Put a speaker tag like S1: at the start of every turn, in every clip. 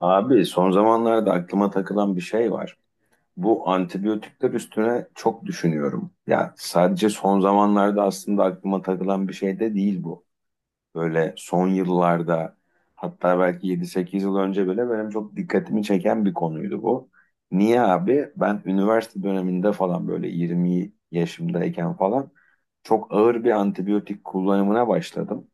S1: Abi son zamanlarda aklıma takılan bir şey var. Bu antibiyotikler üstüne çok düşünüyorum. Ya sadece son zamanlarda aslında aklıma takılan bir şey de değil bu. Böyle son yıllarda hatta belki 7 8 yıl önce bile benim çok dikkatimi çeken bir konuydu bu. Niye abi? Ben üniversite döneminde falan böyle 20 yaşımdayken falan çok ağır bir antibiyotik kullanımına başladım.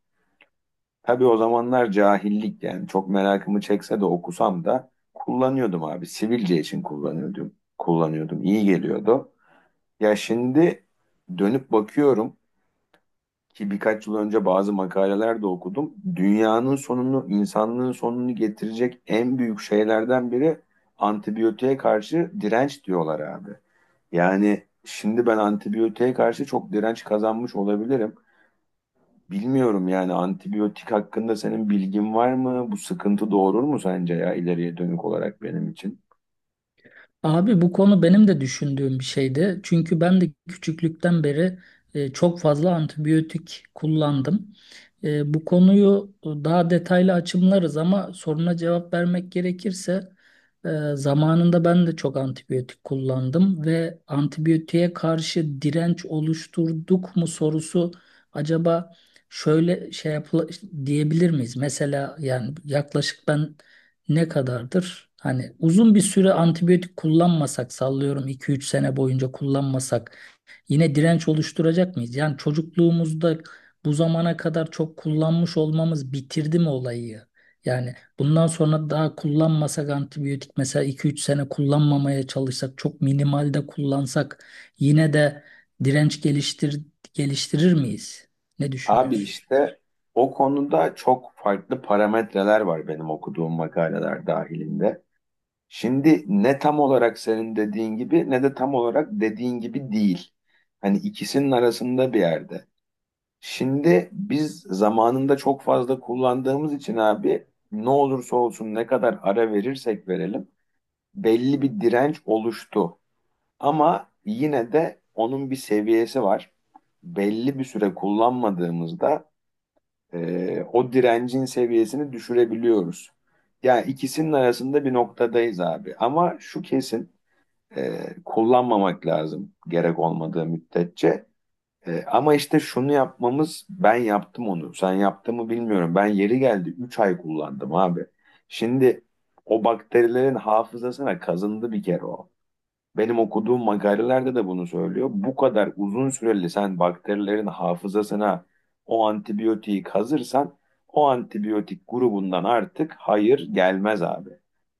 S1: Tabii o zamanlar cahillik yani çok merakımı çekse de okusam da kullanıyordum abi. Sivilce için kullanıyordum. Kullanıyordum. İyi geliyordu. Ya şimdi dönüp bakıyorum ki birkaç yıl önce bazı makaleler de okudum. Dünyanın sonunu, insanlığın sonunu getirecek en büyük şeylerden biri antibiyotiğe karşı direnç diyorlar abi. Yani şimdi ben antibiyotiğe karşı çok direnç kazanmış olabilirim. Bilmiyorum yani antibiyotik hakkında senin bilgin var mı? Bu sıkıntı doğurur mu sence ya ileriye dönük olarak benim için?
S2: Abi bu konu benim de düşündüğüm bir şeydi. Çünkü ben de küçüklükten beri çok fazla antibiyotik kullandım. Bu konuyu daha detaylı açımlarız ama soruna cevap vermek gerekirse e, zamanında ben de çok antibiyotik kullandım ve antibiyotiğe karşı direnç oluşturduk mu sorusu acaba şöyle şey yapıl diyebilir miyiz? Mesela yani yaklaşık ben ne kadardır? Hani uzun bir süre antibiyotik kullanmasak, sallıyorum 2-3 sene boyunca kullanmasak, yine direnç oluşturacak mıyız? Yani çocukluğumuzda bu zamana kadar çok kullanmış olmamız bitirdi mi olayı? Yani bundan sonra daha kullanmasak antibiyotik, mesela 2-3 sene kullanmamaya çalışsak, çok minimalde kullansak, yine de direnç geliştirir miyiz? Ne
S1: Abi
S2: düşünüyorsun?
S1: işte o konuda çok farklı parametreler var benim okuduğum makaleler dahilinde. Şimdi ne tam olarak senin dediğin gibi ne de tam olarak dediğin gibi değil. Hani ikisinin arasında bir yerde. Şimdi biz zamanında çok fazla kullandığımız için abi ne olursa olsun ne kadar ara verirsek verelim belli bir direnç oluştu. Ama yine de onun bir seviyesi var. Belli bir süre kullanmadığımızda o direncin seviyesini düşürebiliyoruz. Yani ikisinin arasında bir noktadayız abi. Ama şu kesin, kullanmamak lazım gerek olmadığı müddetçe. Ama işte şunu yapmamız ben yaptım onu. Sen yaptın mı bilmiyorum. Ben yeri geldi 3 ay kullandım abi. Şimdi o bakterilerin hafızasına kazındı bir kere o. Benim okuduğum makalelerde de bunu söylüyor. Bu kadar uzun süreli sen bakterilerin hafızasına o antibiyotiği kazırsan o antibiyotik grubundan artık hayır gelmez abi.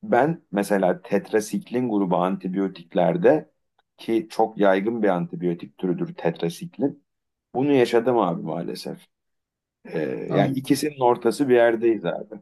S1: Ben mesela tetrasiklin grubu antibiyotiklerde ki çok yaygın bir antibiyotik türüdür tetrasiklin. Bunu yaşadım abi maalesef. Ee, Yani ikisinin ortası bir yerdeyiz abi.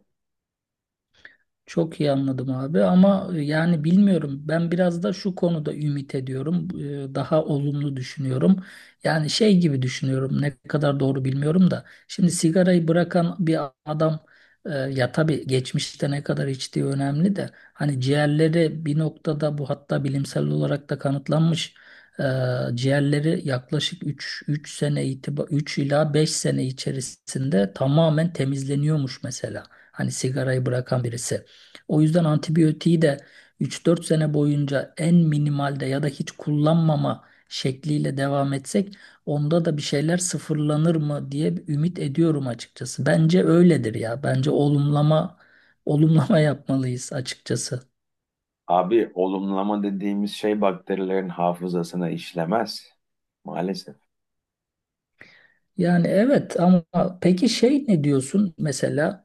S2: Çok iyi anladım abi, ama yani bilmiyorum, ben biraz da şu konuda ümit ediyorum. Daha olumlu düşünüyorum, yani şey gibi düşünüyorum, ne kadar doğru bilmiyorum da, şimdi sigarayı bırakan bir adam, ya tabii geçmişte ne kadar içtiği önemli de, hani ciğerleri bir noktada, bu hatta bilimsel olarak da kanıtlanmış, e, ciğerleri yaklaşık 3 ila 5 sene içerisinde tamamen temizleniyormuş mesela, hani sigarayı bırakan birisi. O yüzden antibiyotiği de 3-4 sene boyunca en minimalde ya da hiç kullanmama şekliyle devam etsek, onda da bir şeyler sıfırlanır mı diye bir ümit ediyorum açıkçası. Bence öyledir ya. Bence olumlama yapmalıyız açıkçası.
S1: Abi olumlama dediğimiz şey bakterilerin hafızasına işlemez. Maalesef.
S2: Yani evet, ama peki şey ne diyorsun mesela?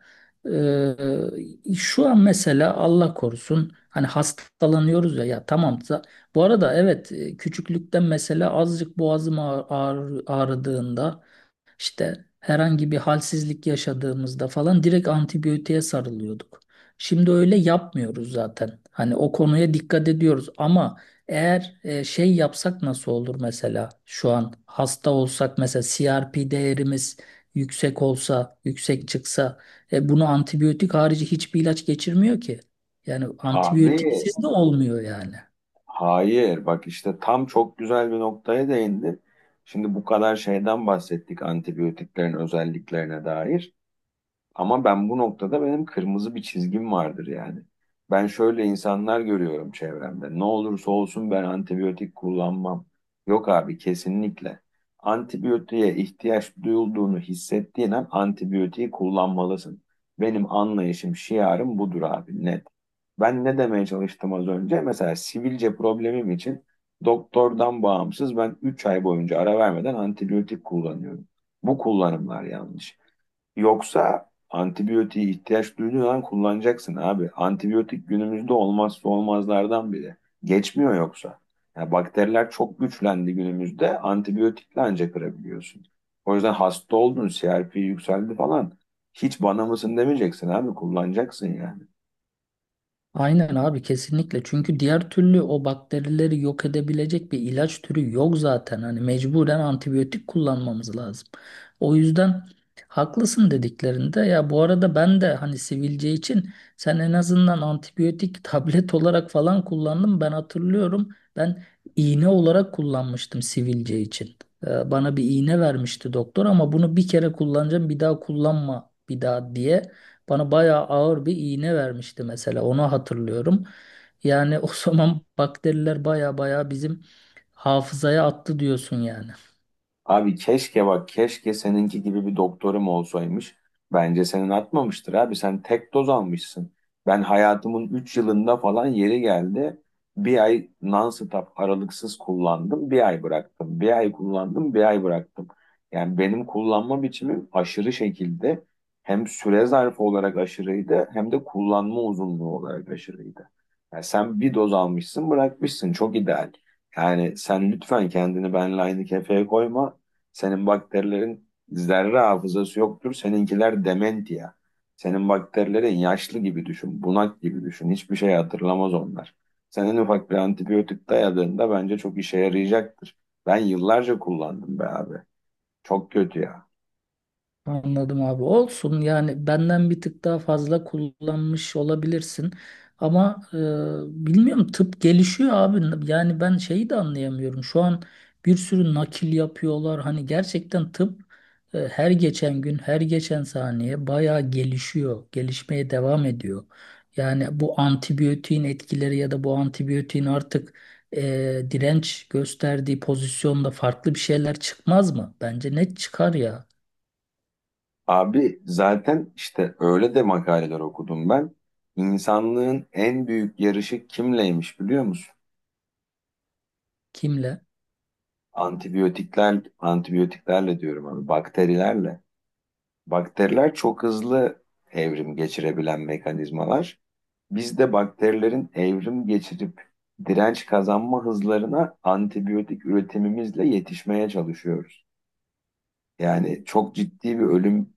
S2: Şu an mesela Allah korusun hani hastalanıyoruz ya, ya tamam, bu arada evet, küçüklükten mesela azıcık boğazım ağrıdığında, işte herhangi bir halsizlik yaşadığımızda falan direkt antibiyotiğe sarılıyorduk. Şimdi öyle yapmıyoruz zaten. Hani o konuya dikkat ediyoruz, ama eğer şey yapsak nasıl olur? Mesela şu an hasta olsak, mesela CRP değerimiz yüksek olsa, yüksek çıksa, bunu antibiyotik harici hiçbir ilaç geçirmiyor ki. Yani
S1: Abi,
S2: antibiyotiksiz de olmuyor yani.
S1: hayır, bak işte tam çok güzel bir noktaya değindin. Şimdi bu kadar şeyden bahsettik antibiyotiklerin özelliklerine dair. Ama ben bu noktada benim kırmızı bir çizgim vardır yani. Ben şöyle insanlar görüyorum çevremde. Ne olursa olsun ben antibiyotik kullanmam. Yok abi kesinlikle. Antibiyotiğe ihtiyaç duyulduğunu hissettiğin an antibiyotiği kullanmalısın. Benim anlayışım, şiarım budur abi net. Ben ne demeye çalıştım az önce? Mesela sivilce problemim için doktordan bağımsız ben 3 ay boyunca ara vermeden antibiyotik kullanıyorum. Bu kullanımlar yanlış. Yoksa antibiyotiğe ihtiyaç duyduğun an kullanacaksın abi. Antibiyotik günümüzde olmazsa olmazlardan biri. Geçmiyor yoksa. Ya bakteriler çok güçlendi günümüzde. Antibiyotikle ancak kırabiliyorsun. O yüzden hasta oldun, CRP yükseldi falan. Hiç bana mısın demeyeceksin abi kullanacaksın yani.
S2: Aynen abi, kesinlikle, çünkü diğer türlü o bakterileri yok edebilecek bir ilaç türü yok zaten, hani mecburen antibiyotik kullanmamız lazım. O yüzden haklısın dediklerinde. Ya bu arada, ben de hani sivilce için, sen en azından antibiyotik tablet olarak falan kullandım ben hatırlıyorum; ben iğne olarak kullanmıştım sivilce için. Bana bir iğne vermişti doktor, ama bunu bir kere kullanacağım, bir daha kullanma bir daha diye. Bana bayağı ağır bir iğne vermişti mesela. Onu hatırlıyorum. Yani o zaman bakteriler bayağı bayağı bizim hafızaya attı diyorsun yani.
S1: Abi keşke bak keşke seninki gibi bir doktorum olsaymış. Bence senin atmamıştır abi. Sen tek doz almışsın. Ben hayatımın 3 yılında falan yeri geldi. Bir ay non-stop aralıksız kullandım. Bir ay bıraktım. Bir ay kullandım. Bir ay bıraktım. Yani benim kullanma biçimim aşırı şekilde hem süre zarfı olarak aşırıydı hem de kullanma uzunluğu olarak aşırıydı. Yani sen bir doz almışsın bırakmışsın. Çok ideal. Yani sen lütfen kendini benle aynı kefeye koyma. Senin bakterilerin zerre hafızası yoktur. Seninkiler dementia. Senin bakterilerin yaşlı gibi düşün, bunak gibi düşün. Hiçbir şey hatırlamaz onlar. Senin ufak bir antibiyotik dayadığında bence çok işe yarayacaktır. Ben yıllarca kullandım be abi. Çok kötü ya.
S2: Anladım abi. Olsun yani, benden bir tık daha fazla kullanmış olabilirsin. Ama bilmiyorum, tıp gelişiyor abi. Yani ben şeyi de anlayamıyorum. Şu an bir sürü nakil yapıyorlar. Hani gerçekten tıp her geçen gün, her geçen saniye bayağı gelişiyor. Gelişmeye devam ediyor. Yani bu antibiyotiğin etkileri ya da bu antibiyotiğin artık e, direnç gösterdiği pozisyonda farklı bir şeyler çıkmaz mı? Bence net çıkar ya.
S1: Abi zaten işte öyle de makaleler okudum ben. İnsanlığın en büyük yarışı kimleymiş biliyor musun?
S2: Kimle?
S1: Antibiyotikler, antibiyotiklerle diyorum abi, bakterilerle. Bakteriler çok hızlı evrim geçirebilen mekanizmalar. Biz de bakterilerin evrim geçirip direnç kazanma hızlarına antibiyotik üretimimizle yetişmeye çalışıyoruz. Yani çok ciddi bir ölüm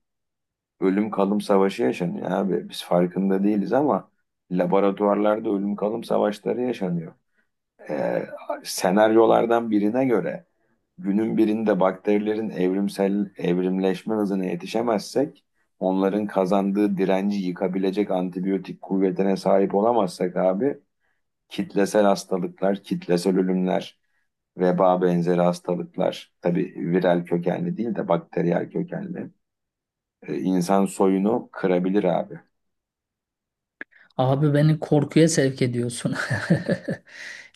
S1: ölüm kalım savaşı yaşanıyor abi. Biz farkında değiliz ama laboratuvarlarda ölüm kalım savaşları yaşanıyor. Ee, Senaryolardan birine göre günün birinde bakterilerin evrimsel evrimleşme hızına yetişemezsek, onların kazandığı direnci yıkabilecek antibiyotik kuvvetine sahip olamazsak abi, kitlesel hastalıklar, kitlesel ölümler, veba benzeri hastalıklar, tabii viral kökenli değil de bakteriyel kökenli, insan soyunu kırabilir abi.
S2: Abi beni korkuya sevk ediyorsun.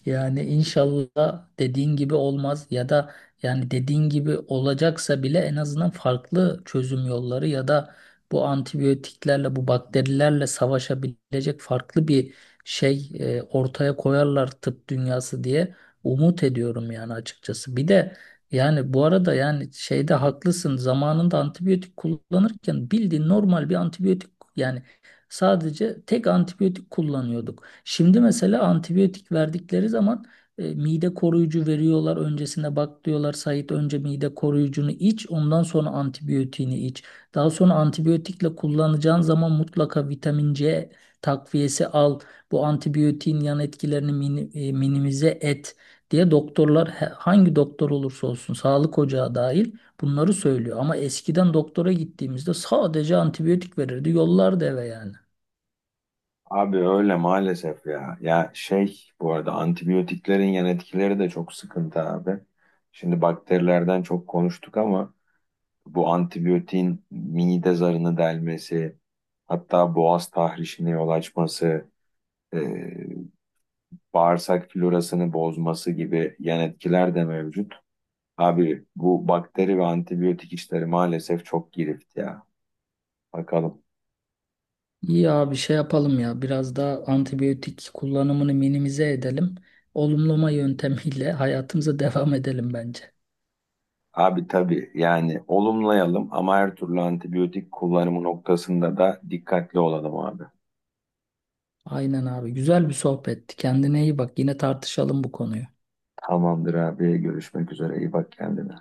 S2: Yani inşallah dediğin gibi olmaz, ya da yani dediğin gibi olacaksa bile en azından farklı çözüm yolları, ya da bu antibiyotiklerle bu bakterilerle savaşabilecek farklı bir şey ortaya koyarlar tıp dünyası diye umut ediyorum yani, açıkçası. Bir de, yani bu arada, yani şeyde haklısın, zamanında antibiyotik kullanırken bildiğin normal bir antibiyotik yani, sadece tek antibiyotik kullanıyorduk. Şimdi mesela antibiyotik verdikleri zaman mide koruyucu veriyorlar. Öncesine bak diyorlar, Sait önce mide koruyucunu iç, ondan sonra antibiyotiğini iç. Daha sonra antibiyotikle kullanacağın zaman mutlaka vitamin C takviyesi al. Bu antibiyotiğin yan etkilerini minimize et diye doktorlar hangi doktor olursa olsun, sağlık ocağı dahil, bunları söylüyor. Ama eskiden doktora gittiğimizde sadece antibiyotik verirdi, yollardı eve yani.
S1: Abi öyle maalesef ya. Ya şey bu arada antibiyotiklerin yan etkileri de çok sıkıntı abi. Şimdi bakterilerden çok konuştuk ama bu antibiyotiğin mide zarını delmesi, hatta boğaz tahrişine yol açması, e, bağırsak florasını bozması gibi yan etkiler de mevcut. Abi bu bakteri ve antibiyotik işleri maalesef çok girift ya. Bakalım.
S2: İyi abi, şey yapalım ya, biraz daha antibiyotik kullanımını minimize edelim. Olumlama yöntemiyle hayatımıza devam edelim bence.
S1: Abi tabii yani olumlayalım ama her türlü antibiyotik kullanımı noktasında da dikkatli olalım abi.
S2: Aynen abi, güzel bir sohbetti. Kendine iyi bak, yine tartışalım bu konuyu.
S1: Tamamdır abi görüşmek üzere iyi bak kendine.